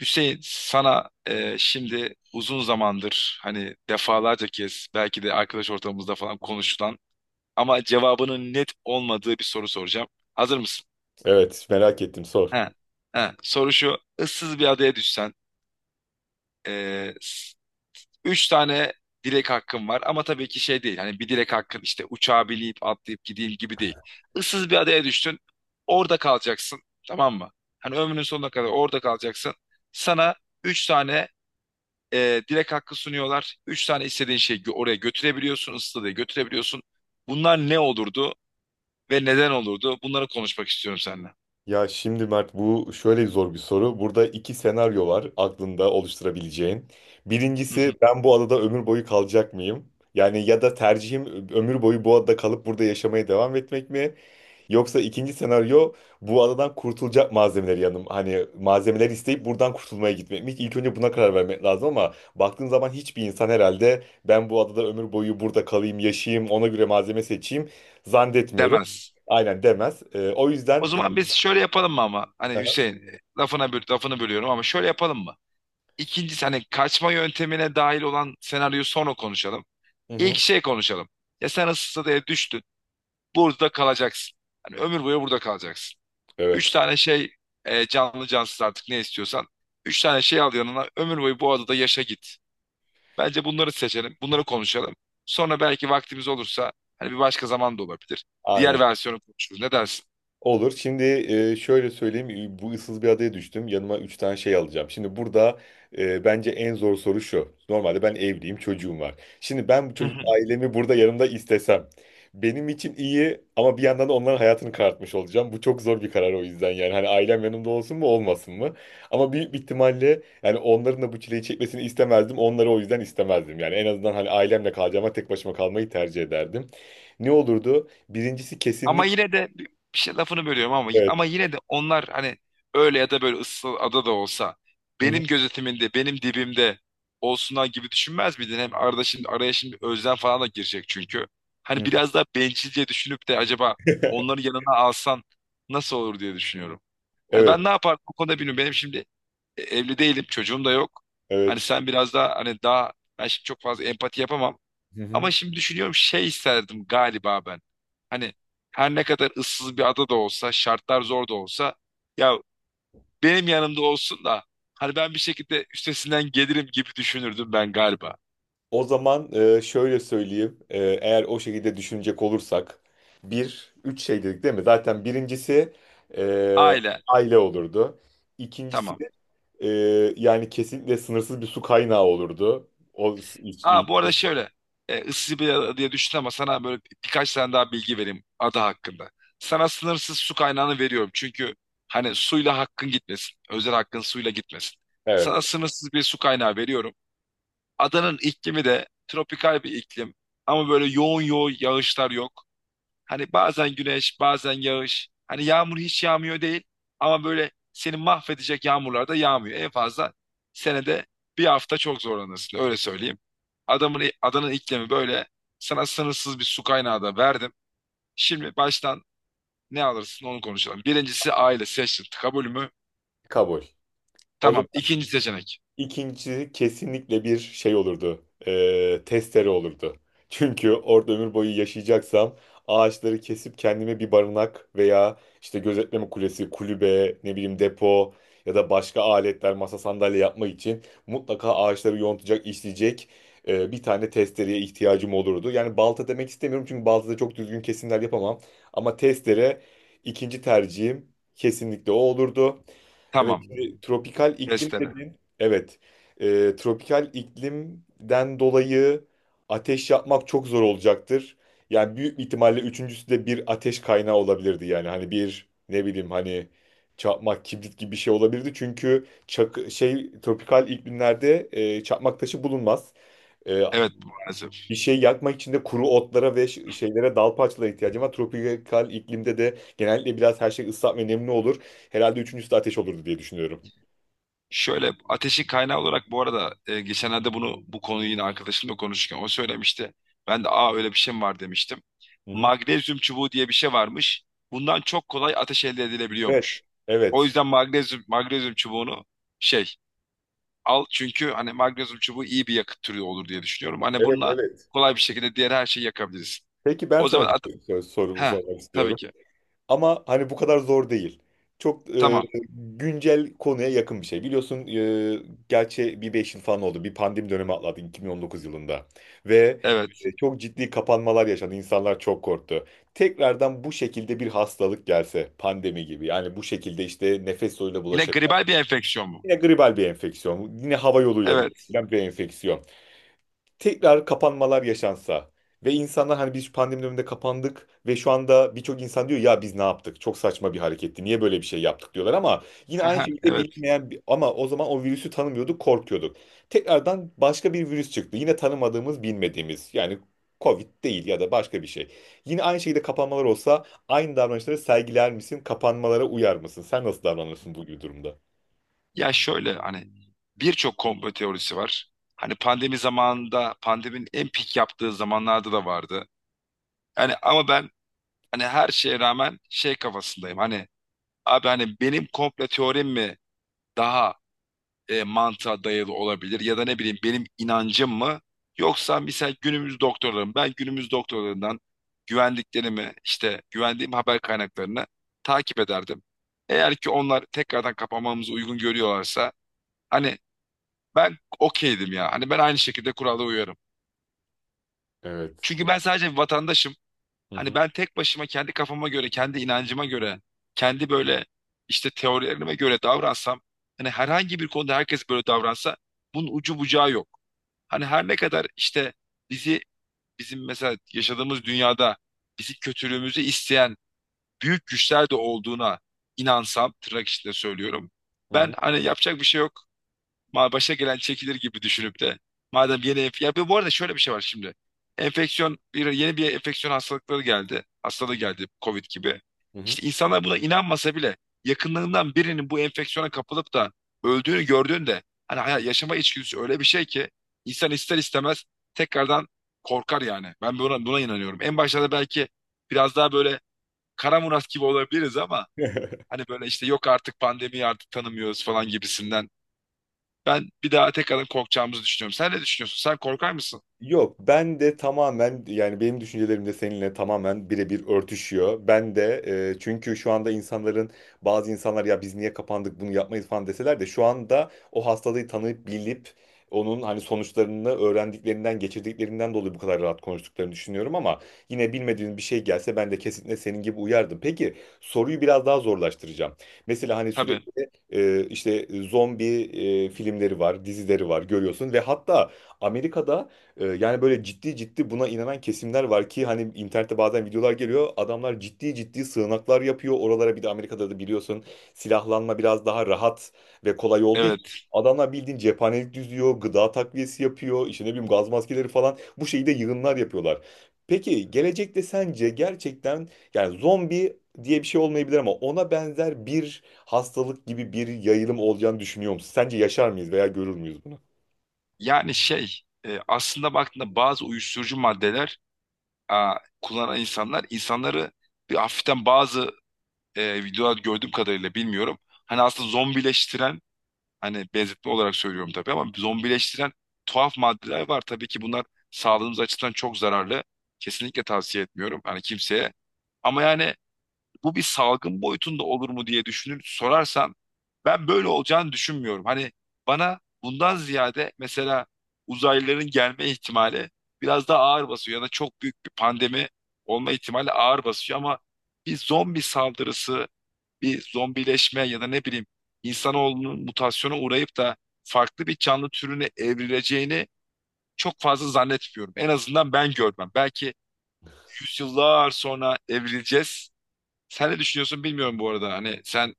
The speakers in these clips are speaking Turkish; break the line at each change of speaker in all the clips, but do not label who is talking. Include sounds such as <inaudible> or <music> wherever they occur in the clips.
Hüseyin, sana şimdi uzun zamandır, hani, defalarca kez belki de arkadaş ortamımızda falan konuşulan ama cevabının net olmadığı bir soru soracağım. Hazır mısın?
Evet, merak ettim,
He.
sor.
He. Soru şu. Issız bir adaya düşsen e, s- üç tane dilek hakkın var ama tabii ki şey değil. Hani bir dilek hakkın, işte, uçağa binip atlayıp gideyim gibi değil. Issız bir adaya düştün. Orada kalacaksın. Tamam mı? Hani ömrünün sonuna kadar orada kalacaksın. Sana üç tane direkt hakkı sunuyorlar. Üç tane istediğin şeyi oraya götürebiliyorsun, ıstadıya götürebiliyorsun. Bunlar ne olurdu ve neden olurdu? Bunları konuşmak istiyorum seninle.
Ya şimdi Mert, bu şöyle zor bir soru. Burada iki senaryo var aklında oluşturabileceğin. Birincisi,
<laughs>
ben bu adada ömür boyu kalacak mıyım? Yani ya da tercihim ömür boyu bu adada kalıp burada yaşamaya devam etmek mi? Yoksa ikinci senaryo, bu adadan kurtulacak malzemeleri yanım. Hani malzemeler isteyip buradan kurtulmaya gitmek mi? İlk önce buna karar vermek lazım ama baktığın zaman hiçbir insan herhalde ben bu adada ömür boyu burada kalayım, yaşayayım, ona göre malzeme seçeyim zannetmiyorum.
Demez.
Aynen, demez. O
O
yüzden. <laughs>
zaman biz şöyle yapalım mı ama? Hani Hüseyin, lafını bölüyorum ama şöyle yapalım mı? İkincisi, hani, kaçma yöntemine dahil olan senaryoyu sonra konuşalım.
Hı
İlk
hı.
şey konuşalım. Ya sen ıstadıya düştün. Burada kalacaksın. Hani ömür boyu burada kalacaksın. Üç
Evet.
tane şey, canlı cansız, artık ne istiyorsan. Üç tane şey al yanına, ömür boyu bu adada yaşa git. Bence bunları seçelim. Bunları konuşalım. Sonra belki vaktimiz olursa, hani, bir başka zaman da olabilir.
Aynen.
Diğer versiyonu konuşuruz. Ne dersin?
Olur. Şimdi şöyle söyleyeyim. Bu ıssız bir adaya düştüm. Yanıma üç tane şey alacağım. Şimdi burada bence en zor soru şu. Normalde ben evliyim, çocuğum var. Şimdi ben bu çocuk
<laughs>
ailemi burada yanımda istesem. Benim için iyi, ama bir yandan da onların hayatını karartmış olacağım. Bu çok zor bir karar o yüzden, yani. Hani ailem yanımda olsun mu olmasın mı? Ama büyük bir ihtimalle, yani onların da bu çileyi çekmesini istemezdim. Onları o yüzden istemezdim. Yani en azından hani ailemle kalacağıma tek başıma kalmayı tercih ederdim. Ne olurdu? Birincisi
Ama
kesinlik.
yine de bir şey, lafını bölüyorum ama
Evet.
yine de onlar, hani, öyle ya da böyle ıssız ada da olsa benim gözetimimde, benim dibimde olsunlar gibi düşünmez miydin? Hem arada şimdi, araya şimdi özlem falan da girecek çünkü. Hani
Hı.
biraz daha bencilce düşünüp de, acaba onları
<laughs>
yanına alsan nasıl olur diye düşünüyorum. Hani
Evet,
ben ne yapardım o konuda bilmiyorum. Benim şimdi, evli değilim, çocuğum da yok. Hani
evet.
sen biraz daha, hani, daha, ben şimdi çok fazla empati yapamam.
Hı
Ama
hı.
şimdi düşünüyorum, şey isterdim galiba ben. Hani her ne kadar ıssız bir ada da olsa, şartlar zor da olsa, ya, benim yanımda olsun da hani ben bir şekilde üstesinden gelirim gibi düşünürdüm ben galiba.
O zaman şöyle söyleyeyim. Eğer o şekilde düşünecek olursak, bir, üç şey dedik değil mi? Zaten birincisi e,
Aile
aile olurdu. İkincisi
tamam.
e, yani kesinlikle sınırsız bir su kaynağı olurdu. O, s- iç-
Aa, bu
i-
arada şöyle, ıssız bir ada diye düşün ama sana böyle birkaç tane daha bilgi vereyim ada hakkında. Sana sınırsız su kaynağını veriyorum çünkü, hani, suyla hakkın gitmesin. Özel hakkın suyla gitmesin.
Evet,
Sana sınırsız bir su kaynağı veriyorum. Adanın iklimi de tropikal bir iklim. Ama böyle yoğun yoğun yağışlar yok. Hani bazen güneş, bazen yağış. Hani yağmur hiç yağmıyor değil. Ama böyle seni mahvedecek yağmurlar da yağmıyor. En fazla senede bir hafta çok zorlanırsın. Öyle söyleyeyim. Adanın iklimi böyle. Sana sınırsız bir su kaynağı da verdim. Şimdi baştan ne alırsın onu konuşalım. Birincisi, aile seçtim. Kabul mü?
kabul. O zaman.
Tamam. İkinci seçenek.
İkinci kesinlikle bir şey olurdu. Testere olurdu. <laughs> Çünkü orada ömür boyu yaşayacaksam, ağaçları kesip kendime bir barınak veya işte gözetleme kulesi, kulübe, ne bileyim, depo ya da başka aletler, masa, sandalye yapmak için mutlaka ağaçları yontacak, işleyecek bir tane testereye ihtiyacım olurdu. Yani balta demek istemiyorum, çünkü baltada çok düzgün kesimler yapamam. Ama testere ikinci tercihim, kesinlikle o olurdu. Evet,
Tamam.
şimdi tropikal iklim
Testere.
dedin. Evet. Tropikal iklimden dolayı ateş yapmak çok zor olacaktır. Yani büyük ihtimalle üçüncüsü de bir ateş kaynağı olabilirdi yani. Hani bir, ne bileyim, hani çakmak, kibrit gibi bir şey olabilirdi. Çünkü şey, tropikal iklimlerde çakmak taşı bulunmaz. E,
Evet, maalesef.
Bir şey yakmak için de kuru otlara ve şeylere, dal parçalara ihtiyacım var. Tropikal iklimde de genellikle biraz her şey ıslak ve nemli olur. Herhalde üçüncüsü de ateş olurdu diye düşünüyorum.
Şöyle, ateşin kaynağı olarak, bu arada, geçenlerde bunu, bu konuyu yine arkadaşımla konuşurken o söylemişti. Ben de, aa, öyle bir şey mi var demiştim.
Hı hı.
Magnezyum çubuğu diye bir şey varmış. Bundan çok kolay ateş elde edilebiliyormuş.
Evet.
O
Evet.
yüzden magnezyum çubuğunu şey al, çünkü, hani, magnezyum çubuğu iyi bir yakıt türü olur diye düşünüyorum. Hani
Evet,
bununla
evet.
kolay bir şekilde diğer her şeyi yakabiliriz.
Peki, ben
O zaman
sana
at,
bir sorumu
ha,
sormak
tabii
istiyorum.
ki.
Ama hani bu kadar zor değil. Çok
Tamam.
güncel konuya yakın bir şey. Biliyorsun, gerçi bir 5 yıl falan oldu. Bir pandemi dönemi atlattık, 2019 yılında. Ve
Evet.
çok ciddi kapanmalar yaşandı. İnsanlar çok korktu. Tekrardan bu şekilde bir hastalık gelse, pandemi gibi. Yani bu şekilde, işte, nefes yoluyla
Yine
bulaşabilen.
gribal bir enfeksiyon mu?
Yine gribal bir enfeksiyon. Yine hava yoluyla
Evet.
bulaşabilen bir enfeksiyon. Tekrar kapanmalar yaşansa, ve insanlar hani biz pandemi döneminde kapandık ve şu anda birçok insan diyor ya, biz ne yaptık? Çok saçma bir hareketti. Niye böyle bir şey yaptık diyorlar, ama yine aynı
<laughs>
şekilde
Evet.
bilinmeyen ama o zaman o virüsü tanımıyorduk, korkuyorduk. Tekrardan başka bir virüs çıktı. Yine tanımadığımız, bilmediğimiz, yani Covid değil ya da başka bir şey. Yine aynı şekilde kapanmalar olsa, aynı davranışları sergiler misin? Kapanmalara uyar mısın? Sen nasıl davranırsın bu gibi durumda?
Ya, şöyle, hani, birçok komplo teorisi var. Hani pandemi zamanında, pandeminin en pik yaptığı zamanlarda da vardı. Yani, ama, ben, hani, her şeye rağmen şey kafasındayım. Hani, abi, hani, benim komplo teorim mi daha mantığa dayalı olabilir, ya da ne bileyim, benim inancım mı, yoksa mesela günümüz doktorlarım, ben günümüz doktorlarından güvendiklerimi, işte güvendiğim haber kaynaklarını takip ederdim. Eğer ki onlar tekrardan kapanmamızı uygun görüyorlarsa, hani, ben okeydim ya. Hani ben aynı şekilde kurala uyarım.
Evet.
Çünkü ben sadece bir vatandaşım.
Hı
Hani
hı.
ben tek başıma kendi kafama göre, kendi inancıma göre, kendi böyle, işte, teorilerime göre davransam, hani herhangi bir konuda herkes böyle davransa, bunun ucu bucağı yok. Hani her ne kadar, işte, bizi, bizim mesela yaşadığımız dünyada bizi, kötülüğümüzü isteyen büyük güçler de olduğuna inansam, tırnak içinde söylüyorum.
Hı
Ben,
hı.
hani, yapacak bir şey yok. Başa gelen çekilir gibi düşünüp de. Ya bu arada, şöyle bir şey var şimdi. Enfeksiyon, bir yeni bir enfeksiyon hastalıkları geldi. Hastalığı geldi, Covid gibi.
Hı hı.
İşte, insanlar buna inanmasa bile, yakınlarından birinin bu enfeksiyona kapılıp da öldüğünü gördüğünde, hani, yaşama içgüdüsü öyle bir şey ki insan ister istemez tekrardan korkar yani. Ben buna inanıyorum. En başlarda belki biraz daha böyle Kara Murat gibi olabiliriz ama,
<laughs>
hani, böyle, işte, yok artık, pandemiyi artık tanımıyoruz falan gibisinden, ben bir daha tekrardan korkacağımızı düşünüyorum. Sen ne düşünüyorsun? Sen korkar mısın?
Yok, ben de tamamen, yani benim düşüncelerim de seninle tamamen birebir örtüşüyor. Ben de çünkü şu anda insanların, bazı insanlar ya biz niye kapandık, bunu yapmayız falan deseler de, şu anda o hastalığı tanıyıp bilip, onun hani sonuçlarını öğrendiklerinden, geçirdiklerinden dolayı bu kadar rahat konuştuklarını düşünüyorum, ama yine bilmediğin bir şey gelse ben de kesinlikle senin gibi uyardım. Peki, soruyu biraz daha zorlaştıracağım. Mesela hani
Tabii.
sürekli işte zombi filmleri var, dizileri var, görüyorsun ve hatta Amerika'da, yani böyle ciddi ciddi buna inanan kesimler var ki, hani internette bazen videolar geliyor. Adamlar ciddi ciddi sığınaklar yapıyor. Oralara, bir de Amerika'da da biliyorsun, silahlanma biraz daha rahat ve kolay olduğu için
Evet.
adamlar bildiğin cephanelik düzüyor, gıda takviyesi yapıyor, işte ne bileyim, gaz maskeleri falan, bu şeyde yığınlar yapıyorlar. Peki gelecekte sence gerçekten, yani zombi diye bir şey olmayabilir ama ona benzer bir hastalık gibi bir yayılım olacağını düşünüyor musun? Sence yaşar mıyız veya görür müyüz bunu?
Yani, şey, aslında baktığında bazı uyuşturucu maddeler, a, kullanan insanlar, insanları bir hafiften, bazı videolar gördüğüm kadarıyla bilmiyorum. Hani aslında zombileştiren, hani, benzetme olarak söylüyorum tabii, ama zombileştiren tuhaf maddeler var. Tabii ki bunlar sağlığımız açısından çok zararlı. Kesinlikle tavsiye etmiyorum, hani, kimseye. Ama yani bu bir salgın boyutunda olur mu diye düşünür sorarsan, ben böyle olacağını düşünmüyorum. Hani bana bundan ziyade mesela uzaylıların gelme ihtimali biraz daha ağır basıyor, ya da çok büyük bir pandemi olma ihtimali ağır basıyor, ama bir zombi saldırısı, bir zombileşme, ya da ne bileyim insanoğlunun mutasyona uğrayıp da farklı bir canlı türüne evrileceğini çok fazla zannetmiyorum. En azından ben görmem. Belki yüzyıllar sonra evrileceğiz. Sen ne düşünüyorsun bilmiyorum bu arada. Hani sen,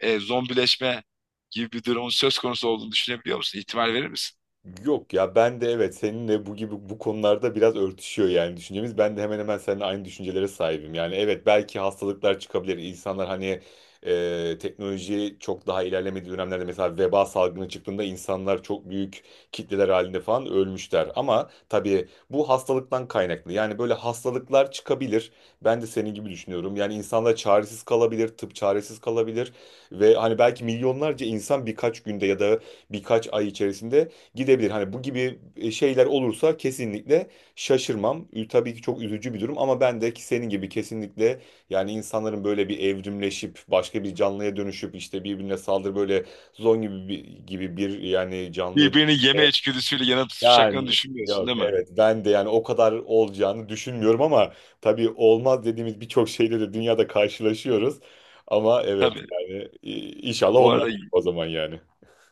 zombileşme gibi bir durumun söz konusu olduğunu düşünebiliyor musun? İhtimal verir misin?
Yok ya, ben de, evet, seninle bu gibi bu konularda biraz örtüşüyor yani düşüncemiz. Ben de hemen hemen seninle aynı düşüncelere sahibim. Yani evet, belki hastalıklar çıkabilir. İnsanlar hani teknoloji çok daha ilerlemediği dönemlerde, mesela veba salgını çıktığında insanlar çok büyük kitleler halinde falan ölmüşler. Ama tabii bu hastalıktan kaynaklı. Yani böyle hastalıklar çıkabilir. Ben de senin gibi düşünüyorum. Yani insanlar çaresiz kalabilir, tıp çaresiz kalabilir, ve hani belki milyonlarca insan birkaç günde ya da birkaç ay içerisinde gidebilir. Hani bu gibi şeyler olursa kesinlikle şaşırmam. Tabii ki çok üzücü bir durum, ama ben de ki senin gibi, kesinlikle, yani insanların böyle bir evrimleşip başka bir canlıya dönüşüp işte birbirine böyle gibi bir, yani canlıya dönüşüp,
Birbirini yeme içgüdüsüyle yana tutuşacaklarını
yani
düşünmüyorsun,
yok,
değil mi?
evet, ben de yani o kadar olacağını düşünmüyorum, ama tabii olmaz dediğimiz birçok şeyle de dünyada karşılaşıyoruz. Ama evet,
Tabii.
yani inşallah
Bu
olmaz
arada
o zaman yani.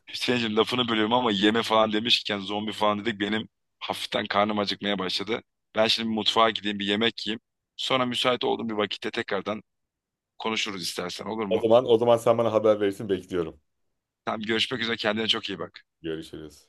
Hüseyin'cim, lafını bölüyorum ama, yeme falan demişken, zombi falan dedik, benim hafiften karnım acıkmaya başladı. Ben şimdi bir mutfağa gideyim, bir yemek yiyeyim. Sonra müsait olduğum bir vakitte tekrardan konuşuruz istersen, olur
O
mu?
zaman o zaman sen bana haber verirsin, bekliyorum.
Tamam, görüşmek üzere, kendine çok iyi bak.
Görüşürüz.